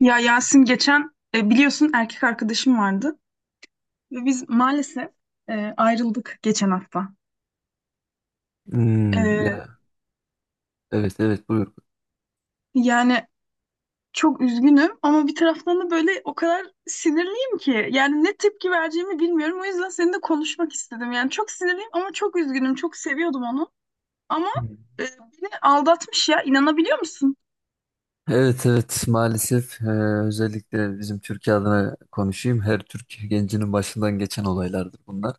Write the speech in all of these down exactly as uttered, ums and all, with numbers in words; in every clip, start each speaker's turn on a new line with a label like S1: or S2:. S1: Ya Yasin geçen e, biliyorsun erkek arkadaşım vardı ve biz maalesef e, ayrıldık geçen hafta.
S2: Hmm,
S1: E,
S2: ya evet evet buyur.
S1: yani çok üzgünüm ama bir taraftan da böyle o kadar sinirliyim ki yani ne tepki vereceğimi bilmiyorum. O yüzden seninle konuşmak istedim. Yani çok sinirliyim ama çok üzgünüm. Çok seviyordum onu ama
S2: Hı.
S1: e, beni aldatmış ya, inanabiliyor musun?
S2: Evet evet maalesef e, özellikle bizim Türkiye adına konuşayım. Her Türk gencinin başından geçen olaylardır bunlar.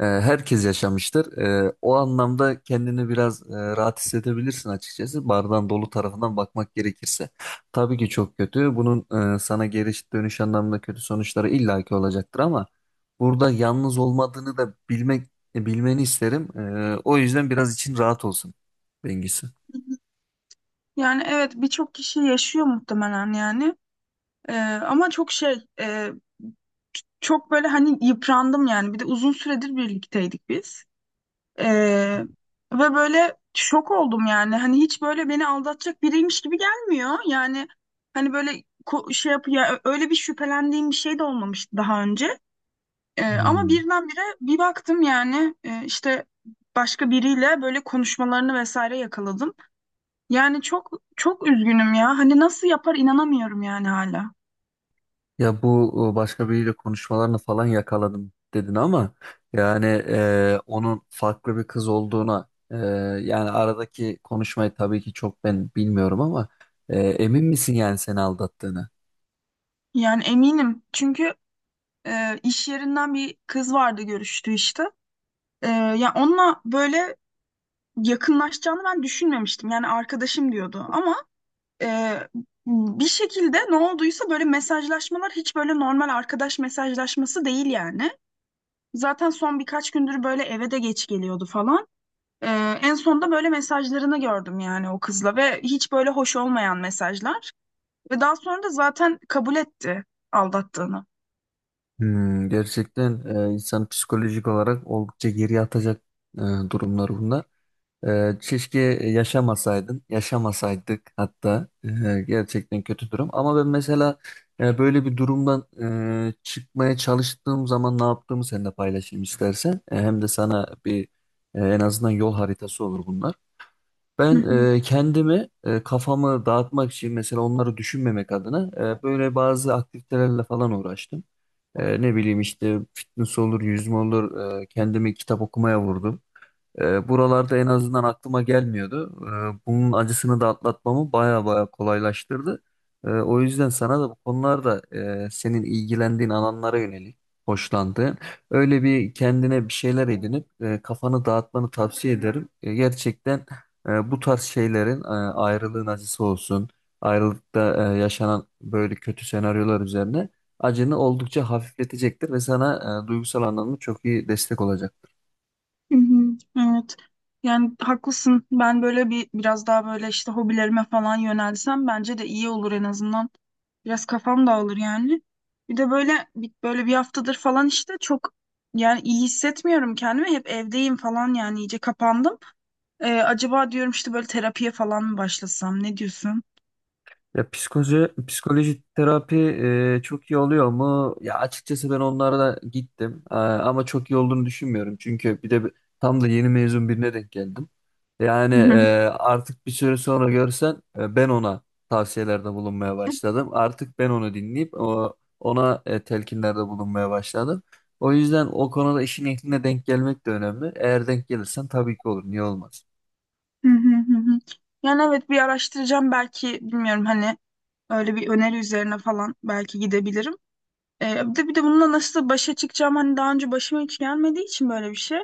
S2: E, herkes yaşamıştır. E, o anlamda kendini biraz e, rahat hissedebilirsin açıkçası. Bardağın dolu tarafından bakmak gerekirse. Tabii ki çok kötü. Bunun e, sana geri dönüş anlamında kötü sonuçları illaki olacaktır ama burada yalnız olmadığını da bilmek e, bilmeni isterim. E, o yüzden biraz için rahat olsun Bengisu.
S1: Yani evet, birçok kişi yaşıyor muhtemelen yani. E, ama çok şey e, çok böyle hani yıprandım yani. Bir de uzun süredir birlikteydik biz. Ee, Ve böyle şok oldum yani. Hani hiç böyle beni aldatacak biriymiş gibi gelmiyor. Yani hani böyle ko- şey yapıyor. Öyle bir şüphelendiğim bir şey de olmamıştı daha önce. Ee, ama
S2: Hmm.
S1: birdenbire bir baktım yani e, işte başka biriyle böyle konuşmalarını vesaire yakaladım. Yani çok çok üzgünüm ya. Hani nasıl yapar, inanamıyorum yani hala.
S2: Ya bu e, başka biriyle konuşmalarını falan yakaladım dedin ama yani e, onun farklı bir kız olduğuna e, yani aradaki konuşmayı tabii ki çok ben bilmiyorum ama e, emin misin yani seni aldattığını?
S1: Yani eminim. Çünkü e, iş yerinden bir kız vardı görüştüğü işte. E, ya onunla böyle yakınlaşacağını ben düşünmemiştim. Yani arkadaşım diyordu ama e, bir şekilde ne olduysa böyle mesajlaşmalar hiç böyle normal arkadaş mesajlaşması değil yani. Zaten son birkaç gündür böyle eve de geç geliyordu falan. E, En sonunda böyle mesajlarını gördüm yani o kızla ve hiç böyle hoş olmayan mesajlar. Ve daha sonra da zaten kabul etti aldattığını.
S2: Hmm, gerçekten e, insan psikolojik olarak oldukça geriye atacak e, durumlar bunlar. Ee, keşke yaşamasaydın, yaşamasaydık hatta. Ee, gerçekten kötü durum. Ama ben mesela e, böyle bir durumdan e, çıkmaya çalıştığım zaman ne yaptığımı seninle paylaşayım istersen. E, hem de sana bir e, en azından yol haritası olur bunlar.
S1: Hı
S2: Ben
S1: hı.
S2: e, kendimi e, kafamı dağıtmak için mesela onları düşünmemek adına e, böyle bazı aktivitelerle falan uğraştım. E, ne bileyim işte fitness olur, yüzme olur. E, kendimi kitap okumaya vurdum. E, buralarda en azından aklıma gelmiyordu. E, bunun acısını da atlatmamı baya baya kolaylaştırdı. E, o yüzden sana da bu konularda e, senin ilgilendiğin alanlara yönelik hoşlandığın öyle bir kendine bir şeyler edinip e, kafanı dağıtmanı tavsiye ederim. E, gerçekten e, bu tarz şeylerin e, ayrılığın acısı olsun, ayrılıkta e, yaşanan böyle kötü senaryolar üzerine acını oldukça hafifletecektir ve sana e, duygusal anlamda çok iyi destek olacak.
S1: Hı hı, evet. Yani haklısın. Ben böyle bir biraz daha böyle işte hobilerime falan yönelsem bence de iyi olur en azından. Biraz kafam dağılır yani. Bir de böyle bir- böyle bir haftadır falan işte çok yani iyi hissetmiyorum kendimi. Hep evdeyim falan, yani iyice kapandım. Ee, acaba diyorum işte böyle terapiye falan mı başlasam? Ne diyorsun?
S2: Ya psikoloji, psikoloji terapi e, çok iyi oluyor mu? Ya açıkçası ben onlara da gittim. E, ama çok iyi olduğunu düşünmüyorum. Çünkü bir de bi- tam da yeni mezun birine denk geldim. Yani
S1: Hı
S2: e,
S1: hı,
S2: artık bir süre sonra görsen e, ben ona tavsiyelerde bulunmaya başladım. Artık ben onu dinleyip o, ona e, telkinlerde bulunmaya başladım. O yüzden o konuda işin ehline denk gelmek de önemli. Eğer denk gelirsen tabii ki olur. Niye olmaz?
S1: hı hı, hı hı. Yani evet, bir araştıracağım belki, bilmiyorum hani öyle bir öneri üzerine falan belki gidebilirim. Ee, bir de, bir de bununla nasıl başa çıkacağım hani, daha önce başıma hiç gelmediği için böyle bir şey.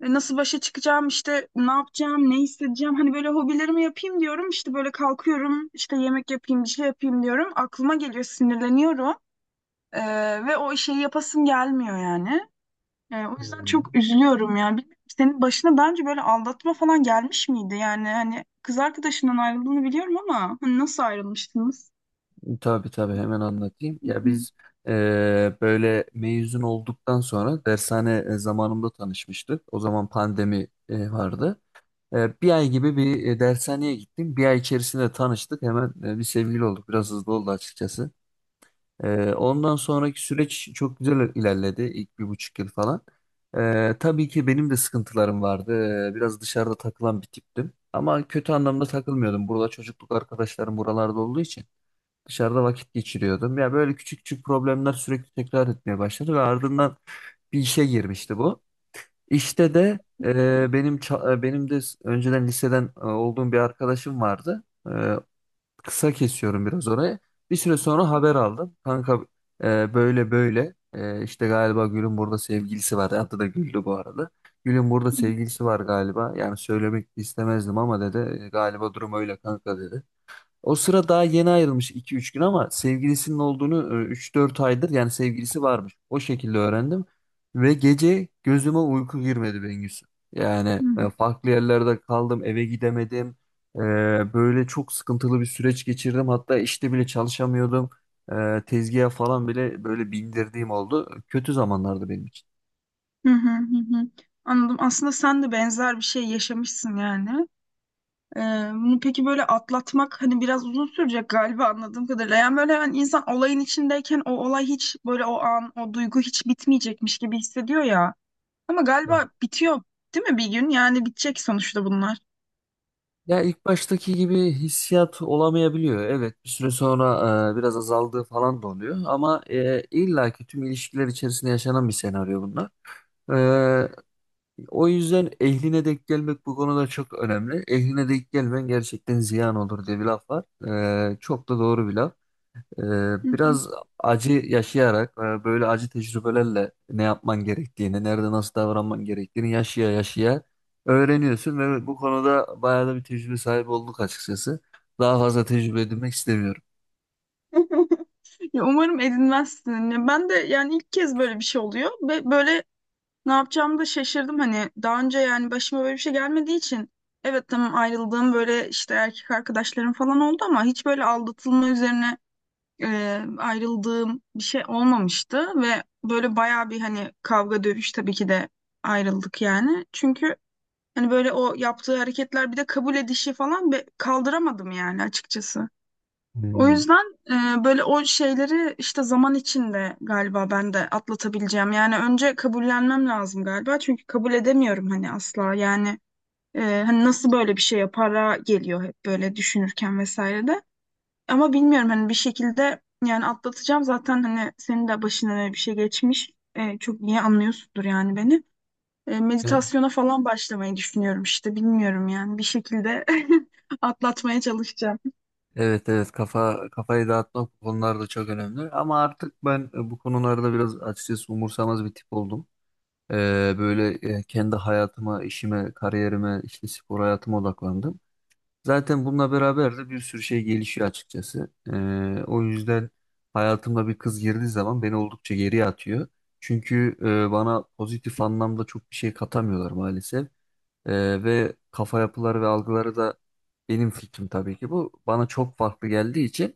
S1: E, Nasıl başa çıkacağım işte, ne yapacağım, ne hissedeceğim hani böyle hobilerimi yapayım diyorum, işte böyle kalkıyorum, işte yemek yapayım bir şey yapayım diyorum, aklıma geliyor, sinirleniyorum. Ee, ve o şeyi yapasım gelmiyor yani. Ee, o yüzden
S2: Hmm.
S1: çok üzülüyorum yani. Bilmiyorum, senin başına daha önce böyle aldatma falan gelmiş miydi? Yani hani kız arkadaşından ayrıldığını biliyorum ama hani nasıl ayrılmıştınız?
S2: Tabii tabii hemen anlatayım. Ya biz eee, böyle mezun olduktan sonra dershane e, zamanında tanışmıştık. O zaman pandemi e, vardı. E, bir ay gibi bir e, dershaneye gittim. Bir ay içerisinde tanıştık. Hemen e, bir sevgili olduk. Biraz hızlı oldu açıkçası. E, ondan sonraki süreç çok güzel ilerledi. İlk bir buçuk yıl falan. E, tabii ki benim de sıkıntılarım vardı. E, biraz dışarıda takılan bir tiptim. Ama kötü anlamda takılmıyordum. Burada çocukluk arkadaşlarım buralarda olduğu için. Dışarıda vakit geçiriyordum. Ya böyle küçük küçük problemler sürekli tekrar etmeye başladı ve ardından bir işe girmişti bu. İşte de e, benim ça- e, benim de s- önceden liseden e, olduğum bir arkadaşım vardı. E, kısa kesiyorum biraz orayı. Bir süre sonra haber aldım. Kanka e, böyle böyle e, işte galiba Gül'ün burada sevgilisi var. Adı da Gül'dü bu arada. Gül'ün burada sevgilisi var galiba. Yani söylemek istemezdim ama dedi. e, Galiba durum öyle kanka dedi. O sıra daha yeni ayrılmış iki üç gün ama sevgilisinin olduğunu e, üç dört aydır yani sevgilisi varmış. O şekilde öğrendim. Ve gece gözüme uyku girmedi Bengüsü. Yani e, farklı yerlerde kaldım, eve gidemedim. E, Böyle çok sıkıntılı bir süreç geçirdim. Hatta işte bile çalışamıyordum. E, Tezgaha falan bile böyle bindirdiğim oldu. Kötü zamanlardı benim için.
S1: Hı hı hı, hı. Anladım. Aslında sen de benzer bir şey yaşamışsın yani. Ee, Bunu peki böyle atlatmak hani biraz uzun sürecek galiba, anladığım kadarıyla. Yani böyle hani insan olayın içindeyken o olay hiç böyle, o an o duygu hiç bitmeyecekmiş gibi hissediyor ya. Ama
S2: Evet.
S1: galiba bitiyor değil mi bir gün? Yani bitecek sonuçta bunlar.
S2: Ya ilk baştaki gibi hissiyat olamayabiliyor. Evet, bir süre sonra e, biraz azaldığı falan da oluyor. Ama e, illaki tüm ilişkiler içerisinde yaşanan bir senaryo bunlar. E, o yüzden ehline denk gelmek bu konuda çok önemli. Ehline denk gelmen gerçekten ziyan olur diye bir laf var. E, çok da doğru bir laf. Ee, biraz acı yaşayarak e, böyle acı tecrübelerle ne yapman gerektiğini, nerede nasıl davranman gerektiğini yaşaya yaşaya öğreniyorsun ve bu konuda bayağı da bir tecrübe sahibi olduk açıkçası. Daha fazla tecrübe edinmek istemiyorum.
S1: Ya umarım edinmezsin. Ya ben de yani ilk kez böyle bir şey oluyor ve böyle ne yapacağımı da şaşırdım. Hani daha önce yani başıma böyle bir şey gelmediği için, evet tamam, ayrıldığım böyle işte erkek arkadaşlarım falan oldu ama hiç böyle aldatılma üzerine e, ayrıldığım bir şey olmamıştı ve böyle bayağı bir hani kavga dövüş tabii ki de ayrıldık yani. Çünkü hani böyle o yaptığı hareketler, bir de kabul edişi falan be- kaldıramadım yani açıkçası. O
S2: Hmm.
S1: yüzden e, böyle o şeyleri işte zaman içinde galiba ben de atlatabileceğim. Yani önce kabullenmem lazım galiba. Çünkü kabul edemiyorum hani, asla. Yani e, hani nasıl böyle bir şey yapara geliyor, hep böyle düşünürken vesaire de. Ama bilmiyorum hani bir şekilde yani atlatacağım. Zaten hani senin de başına öyle bir şey geçmiş. E, çok iyi anlıyorsundur yani beni. E,
S2: E,
S1: meditasyona falan başlamayı düşünüyorum işte. Bilmiyorum yani, bir şekilde atlatmaya çalışacağım.
S2: Evet evet kafa kafayı dağıtmak bu konularda çok önemli ama artık ben e, bu konularda biraz açıkçası umursamaz bir tip oldum. Ee, böyle e, kendi hayatıma, işime, kariyerime, işte spor hayatıma odaklandım. Zaten bununla beraber de bir sürü şey gelişiyor açıkçası. Ee, o yüzden hayatıma bir kız girdiği zaman beni oldukça geriye atıyor. Çünkü e, bana pozitif anlamda çok bir şey katamıyorlar maalesef. Ee, ve kafa yapıları ve algıları da benim fikrim tabii ki bu. Bana çok farklı geldiği için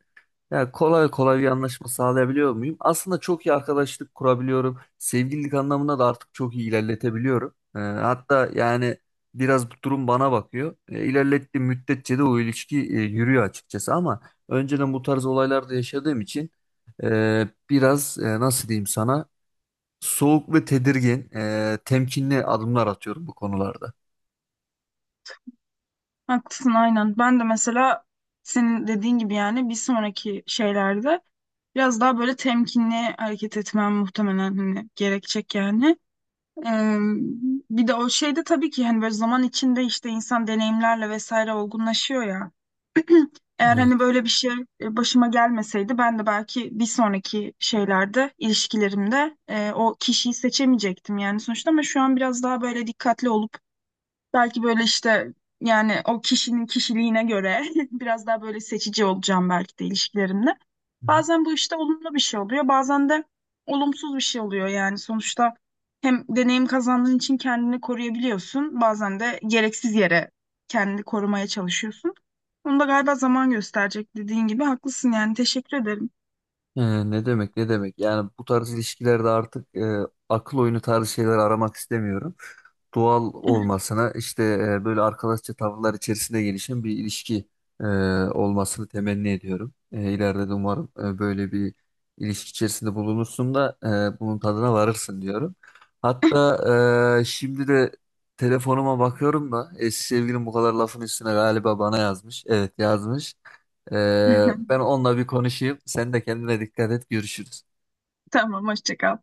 S2: ya kolay kolay bir anlaşma sağlayabiliyor muyum? Aslında çok iyi arkadaşlık kurabiliyorum. Sevgililik anlamında da artık çok iyi ilerletebiliyorum. Ee, hatta yani biraz bu durum bana bakıyor. Ee, ilerlettiğim müddetçe de o ilişki e, yürüyor açıkçası ama önceden bu tarz olaylarda yaşadığım için e, biraz e, nasıl diyeyim sana soğuk ve tedirgin, e, temkinli adımlar atıyorum bu konularda.
S1: Haklısın, aynen. Ben de mesela senin dediğin gibi yani bir sonraki şeylerde biraz daha böyle temkinli hareket etmem muhtemelen hani gerekecek yani. Ee, Bir de o şeyde tabii ki hani böyle zaman içinde işte insan deneyimlerle vesaire olgunlaşıyor ya. Eğer
S2: Evet.
S1: hani böyle bir şey e, başıma gelmeseydi ben de belki bir sonraki şeylerde ilişkilerimde e, o kişiyi seçemeyecektim yani sonuçta, ama şu an biraz daha böyle dikkatli olup belki böyle işte, yani o kişinin kişiliğine göre biraz daha böyle seçici olacağım belki de ilişkilerimde.
S2: Hı hı.
S1: Bazen bu işte olumlu bir şey oluyor, bazen de olumsuz bir şey oluyor yani sonuçta, hem deneyim kazandığın için kendini koruyabiliyorsun, bazen de gereksiz yere kendini korumaya çalışıyorsun. Bunu da galiba zaman gösterecek, dediğin gibi haklısın yani, teşekkür ederim.
S2: Ee, ne demek ne demek yani bu tarz ilişkilerde artık e, akıl oyunu tarzı şeyler aramak istemiyorum. doğal olmasına işte e, böyle arkadaşça tavırlar içerisinde gelişen bir ilişki e, olmasını temenni ediyorum. E, ileride de umarım e, böyle bir ilişki içerisinde bulunursun da e, bunun tadına varırsın diyorum. Hatta e, şimdi de telefonuma bakıyorum da eski sevgilim bu kadar lafın üstüne galiba bana yazmış. Evet yazmış. E, ben onunla bir konuşayım. Sen de kendine dikkat et. Görüşürüz.
S1: Tamam, hoşça kal.